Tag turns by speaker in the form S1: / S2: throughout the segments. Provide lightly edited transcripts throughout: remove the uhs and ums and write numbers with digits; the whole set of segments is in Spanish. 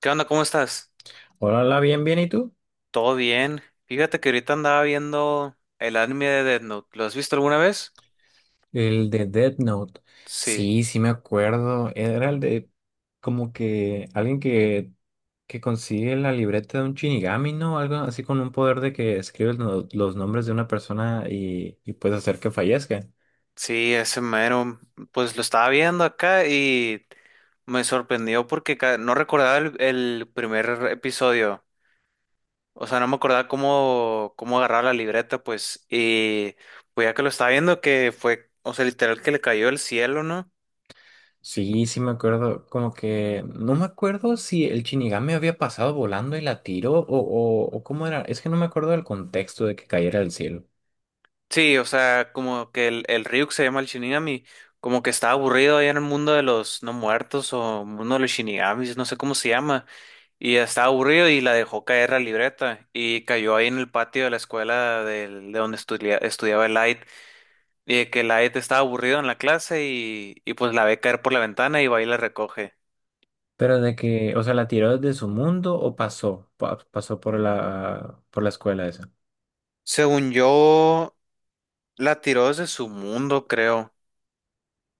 S1: ¿Qué onda? ¿Cómo estás?
S2: Hola, hola, bien, bien, ¿y tú?
S1: ¿Todo bien? Fíjate que ahorita andaba viendo el anime de Death Note. ¿Lo has visto alguna vez?
S2: El de Death Note.
S1: Sí,
S2: Sí, sí me acuerdo. Era el de como que que consigue la libreta de un Shinigami, ¿no? Algo así con un poder de que escribe los nombres de una persona y puedes hacer que fallezca.
S1: sí, ese mero. Pues lo estaba viendo acá y me sorprendió porque no recordaba el primer episodio. O sea, no me acordaba cómo agarrar la libreta, pues. Y pues ya que lo estaba viendo, que fue, o sea, literal que le cayó el cielo, ¿no?
S2: Sí, sí me acuerdo. Como que no me acuerdo si el Shinigami había pasado volando y la tiró o cómo era. Es que no me acuerdo del contexto de que cayera del cielo.
S1: Sí, o sea, como que el Ryuk se llama el Shinigami, como que está aburrido allá en el mundo de los no muertos o mundo de los Shinigamis, no sé cómo se llama, y estaba aburrido y la dejó caer la libreta y cayó ahí en el patio de la escuela donde estudiaba el Light, y de que Light estaba aburrido en la clase y pues la ve caer por la ventana y va y la recoge.
S2: Pero o sea, ¿la tiró desde su mundo o pasó? Pasó por por la escuela esa.
S1: Según yo, la tiró desde su mundo, creo.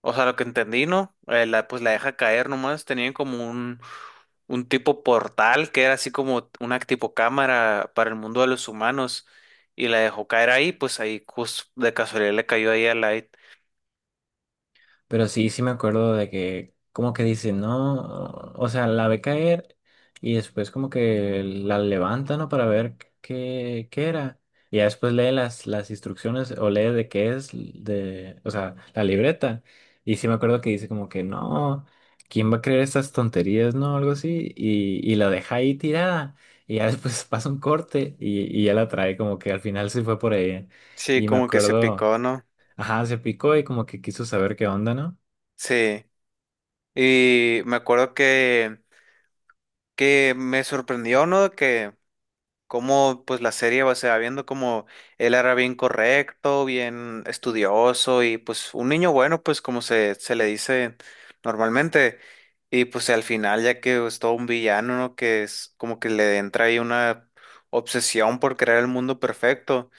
S1: O sea, lo que entendí, ¿no? Pues la deja caer nomás. Tenían como un tipo portal que era así como una tipo cámara para el mundo de los humanos. Y la dejó caer ahí, pues ahí de casualidad le cayó ahí a Light.
S2: Pero sí, sí me acuerdo de que como que dice, no, o sea, la ve caer y después como que la levanta, ¿no? Para ver qué era. Y ya después lee las instrucciones o lee de qué es, de, o sea, la libreta. Y sí me acuerdo que dice como que, no, ¿quién va a creer estas tonterías, no? Algo así. Y la deja ahí tirada. Y ya después pasa un corte y ya la trae como que al final se fue por ahí.
S1: Sí,
S2: Y me
S1: como que se
S2: acuerdo,
S1: picó, ¿no?
S2: ajá, se picó y como que quiso saber qué onda, ¿no?
S1: Sí. Y me acuerdo que me sorprendió, ¿no? Que cómo pues la serie se va viendo como él era bien correcto, bien estudioso y pues un niño bueno, pues como se le dice normalmente. Y pues al final, ya que es todo un villano, ¿no? Que es como que le entra ahí una obsesión por crear el mundo perfecto.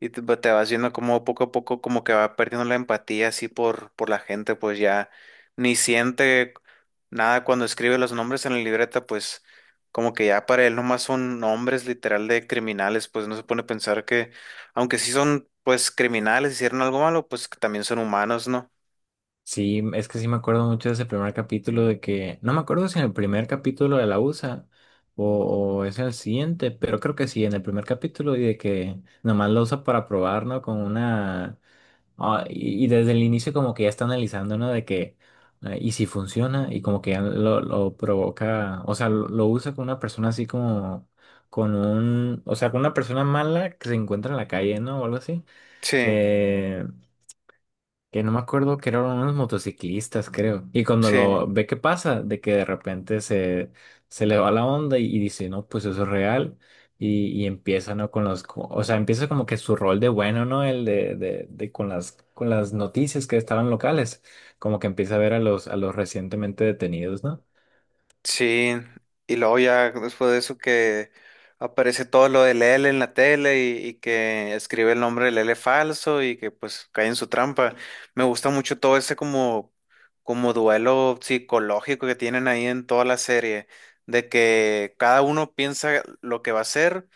S1: Y te, pues, te vas viendo como poco a poco como que va perdiendo la empatía así por la gente, pues ya ni siente nada cuando escribe los nombres en la libreta, pues como que ya para él nomás son nombres literal de criminales, pues no se pone a pensar que, aunque sí son pues criminales, hicieron algo malo, pues que también son humanos, ¿no?
S2: Sí, es que sí me acuerdo mucho de ese primer capítulo de que, no me acuerdo si en el primer capítulo de la USA o es el siguiente, pero creo que sí, en el primer capítulo y de que nomás lo usa para probar, ¿no? Con una... ah, y desde el inicio como que ya está analizando, ¿no? De que, y si funciona y como que ya lo provoca, o sea, lo usa con una persona así como, con un, o sea, con una persona mala que se encuentra en la calle, ¿no? O algo así
S1: Sí,
S2: que no me acuerdo que eran unos motociclistas, creo. Y cuando
S1: sí,
S2: lo ve que pasa, de que de repente se le va la onda y dice, no, pues eso es real. Y empieza, ¿no? Con los, o sea, empieza como que su rol de bueno, ¿no? El de con las noticias que estaban locales. Como que empieza a ver a los recientemente detenidos, ¿no?
S1: sí. Y luego ya después de eso que aparece todo lo de Lele en la tele y que escribe el nombre de Lele falso y que pues cae en su trampa. Me gusta mucho todo ese como, como duelo psicológico que tienen ahí en toda la serie, de que cada uno piensa lo que va a hacer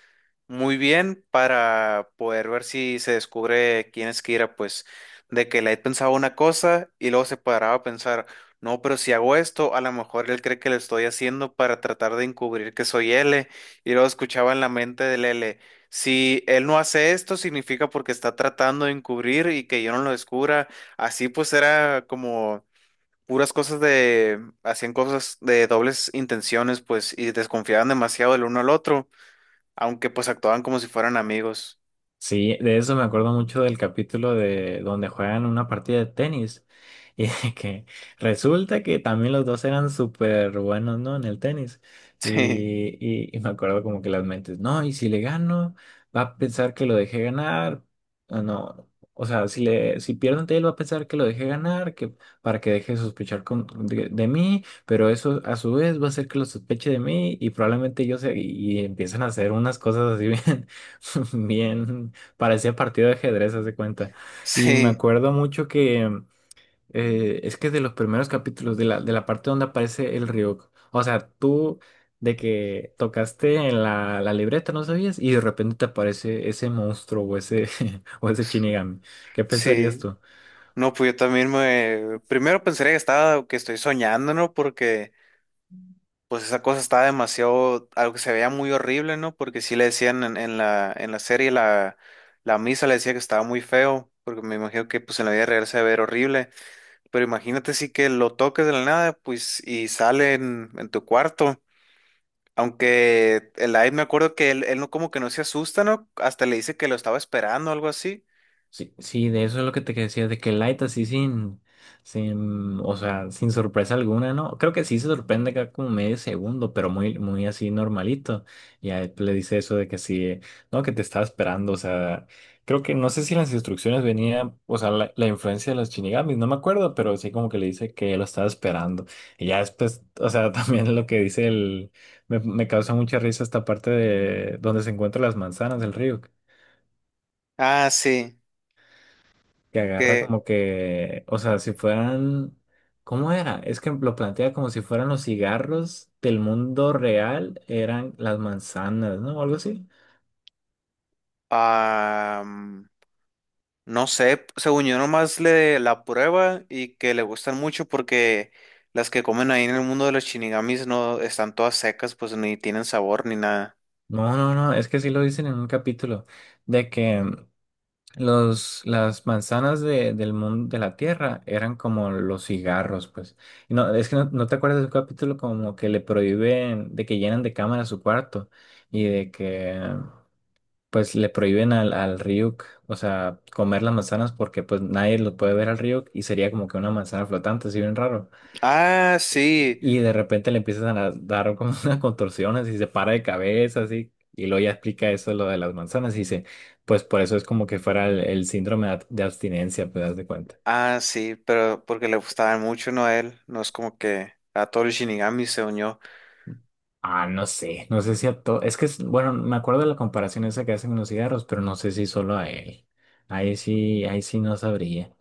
S1: muy bien para poder ver si se descubre quién es Kira, pues de que Light pensaba una cosa y luego se paraba a pensar, no, pero si hago esto, a lo mejor él cree que lo estoy haciendo para tratar de encubrir que soy L y luego escuchaba en la mente del L, si él no hace esto significa porque está tratando de encubrir y que yo no lo descubra, así pues era como... puras cosas de, hacían cosas de dobles intenciones, pues, y desconfiaban demasiado del uno al otro aunque pues actuaban como si fueran amigos.
S2: Sí, de eso me acuerdo mucho del capítulo de donde juegan una partida de tenis y de que resulta que también los dos eran súper buenos, ¿no? En el tenis.
S1: Sí,
S2: Y me acuerdo como que las mentes, no, y si le gano, va a pensar que lo dejé ganar. O no, o sea, si pierdo ante él, va a pensar que lo dejé ganar, que para que deje de sospechar de mí, pero eso a su vez va a hacer que lo sospeche de mí y probablemente yo sé, y empiezan a hacer unas cosas así bien. Bien. Parecía partido de ajedrez, haz de cuenta. Y me
S1: sí,
S2: acuerdo mucho que es que de los primeros capítulos, de de la parte donde aparece el Ryuk. O sea, tú de que tocaste en la libreta, no sabías, y de repente te aparece ese monstruo o ese, o ese Shinigami. ¿Qué pensarías
S1: sí.
S2: tú?
S1: No, pues yo también me... Primero pensé que estaba, que estoy soñando, ¿no? Porque pues esa cosa estaba demasiado, algo que se veía muy horrible, ¿no? Porque sí le decían en la serie, la misa le decía que estaba muy feo, porque me imagino que pues en la vida real se ve horrible. Pero imagínate sí que lo toques de la nada, pues, y sale en tu cuarto. Aunque el Aid me acuerdo que él no como que no se asusta, ¿no? Hasta le dice que lo estaba esperando o algo así.
S2: Sí, sí, de eso es lo que te decía, de que Light así sin, sin, o sea, sin sorpresa alguna, ¿no? Creo que sí se sorprende acá como medio segundo, pero muy, muy así normalito. Y a él le dice eso de que sí, no, que te estaba esperando, o sea, creo que no sé si las instrucciones venía, o sea, la influencia de los Shinigamis, no me acuerdo, pero sí como que le dice que lo estaba esperando. Y ya después, o sea, también lo que dice el, me causa mucha risa esta parte de donde se encuentran las manzanas del río.
S1: Ah, sí.
S2: Que agarra
S1: Que
S2: como que, o sea, si fueran, ¿cómo era? Es que lo plantea como si fueran los cigarros del mundo real, eran las manzanas, ¿no? O algo así.
S1: am, no sé, según yo nomás le la prueba y que le gustan mucho porque las que comen ahí en el mundo de los shinigamis no están todas secas, pues ni tienen sabor ni nada.
S2: No, no, no, es que sí lo dicen en un capítulo, de que mm, los, las manzanas del mundo de la Tierra eran como los cigarros, pues. Y no, es que no, no te acuerdas de un capítulo como que le prohíben, de que llenan de cámara su cuarto y de que... pues le prohíben al Ryuk, o sea, comer las manzanas porque pues nadie lo puede ver al Ryuk y sería como que una manzana flotante, así bien raro.
S1: Ah,
S2: Y,
S1: sí.
S2: y de repente le empiezan a dar como unas contorsiones y se para de cabeza, así. Y luego ya explica eso, lo de las manzanas, y dice, pues por eso es como que fuera el síndrome de de abstinencia, pues das de cuenta.
S1: Ah, sí, pero porque le gustaban mucho, ¿no? A él, no es como que a todos los shinigamis, según yo.
S2: Ah, no sé, no sé si a todo. Es que, es- bueno, me acuerdo de la comparación esa que hacen con los cigarros, pero no sé si solo a él. Ahí sí no sabría.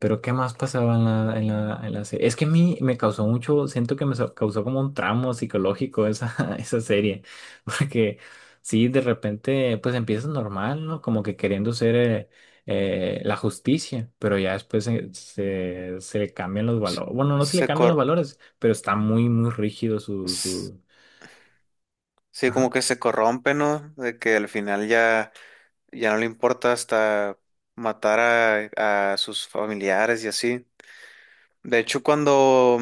S2: Pero ¿qué más pasaba en la, en la, en la serie? Es que a mí me causó mucho, siento que me so- causó como un tramo psicológico esa, esa serie. Porque sí, de repente, pues empiezas normal, ¿no? Como que queriendo ser la justicia, pero ya después se le cambian los
S1: Se,
S2: valores. Bueno, no se le
S1: se
S2: cambian los
S1: cor-
S2: valores, pero está muy, muy rígido su su.
S1: Sí, como
S2: Ajá.
S1: que se corrompe, ¿no? De que al final ya, ya no le importa hasta matar a sus familiares y así. De hecho, cuando,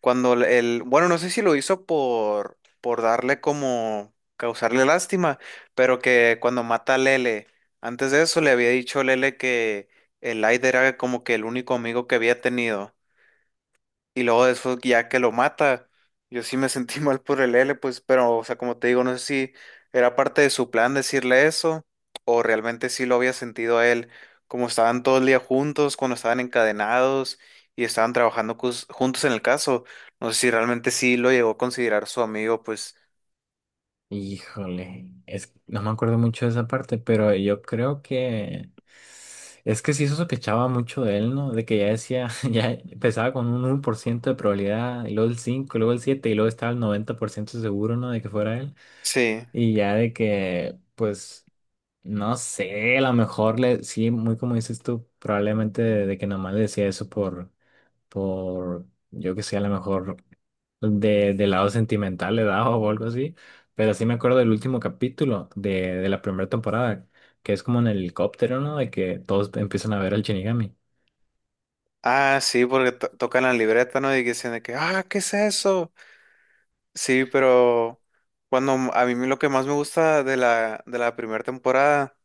S1: cuando bueno, no sé si lo hizo por darle como, causarle lástima, pero que cuando mata a Lele, antes de eso le había dicho a Lele que el Aider era como que el único amigo que había tenido. Y luego después ya que lo mata, yo sí me sentí mal por el L, pues, pero, o sea, como te digo, no sé si era parte de su plan decirle eso, o realmente sí lo había sentido a él, como estaban todo el día juntos, cuando estaban encadenados y estaban trabajando juntos en el caso, no sé si realmente sí lo llegó a considerar su amigo, pues,
S2: Híjole, es, no me acuerdo mucho de esa parte, pero yo creo que es que sí se sospechaba mucho de él, ¿no? De que ya decía, ya empezaba con un 1% de probabilidad, y luego el 5% y luego el 7% y luego estaba el 90% seguro, ¿no? De que fuera él.
S1: sí.
S2: Y ya de que, pues, no sé, a lo mejor le, sí, muy como dices tú, probablemente de que nomás le decía eso por yo que sé, a lo mejor de lado sentimental le daba o algo así, pero sí me acuerdo del último capítulo de la primera temporada, que es como en el helicóptero, ¿no? De que todos empiezan a ver al Shinigami.
S1: Ah, sí, porque tocan la libreta, ¿no? Y dicen de que, ah, ¿qué es eso? Sí, pero cuando a mí lo que más me gusta de de la primera temporada.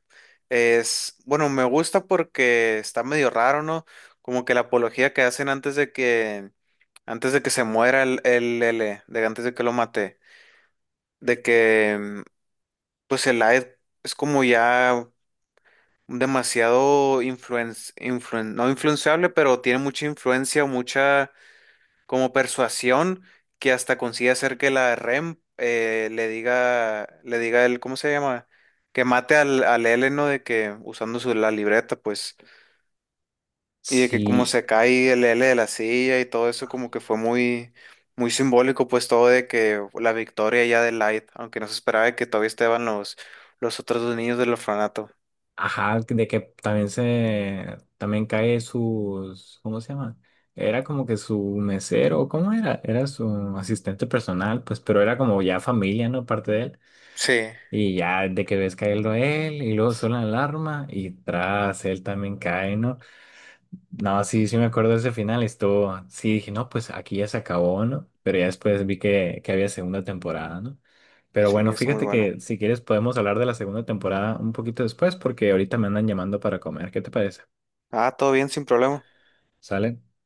S1: Es, bueno, me gusta porque está medio raro, ¿no? Como que la apología que hacen antes de que se muera el L, de antes de que lo mate, de que, mm, pues el Aed es como ya demasiado no influenciable, pero tiene mucha influencia, mucha como persuasión que hasta consigue hacer que la REM le diga el, ¿cómo se llama? Que mate al L, ¿no? De que usando su, la libreta, pues. Y de que como
S2: Sí,
S1: se cae el L de la silla y todo eso como que fue muy, muy simbólico, pues todo de que la victoria ya de Light, aunque no se esperaba de que todavía estaban los otros dos niños del orfanato.
S2: ajá, de que también también cae sus, ¿cómo se llama? Era como que su mesero, ¿cómo era? Era su asistente personal, pues, pero era como ya familia, ¿no? Parte de él.
S1: Sí,
S2: Y ya de que ves caerlo él, y luego suena la alarma, y tras él también cae, ¿no? No, sí, sí me acuerdo de ese final, estuvo, sí dije, no, pues aquí ya se acabó, ¿no? Pero ya después vi que había segunda temporada, ¿no? Pero
S1: sí,
S2: bueno,
S1: eso muy
S2: fíjate
S1: bueno.
S2: que si quieres podemos hablar de la segunda temporada un poquito después, porque ahorita me andan llamando para comer, ¿qué te parece?
S1: Ah, todo bien, sin problema.
S2: ¿Sale?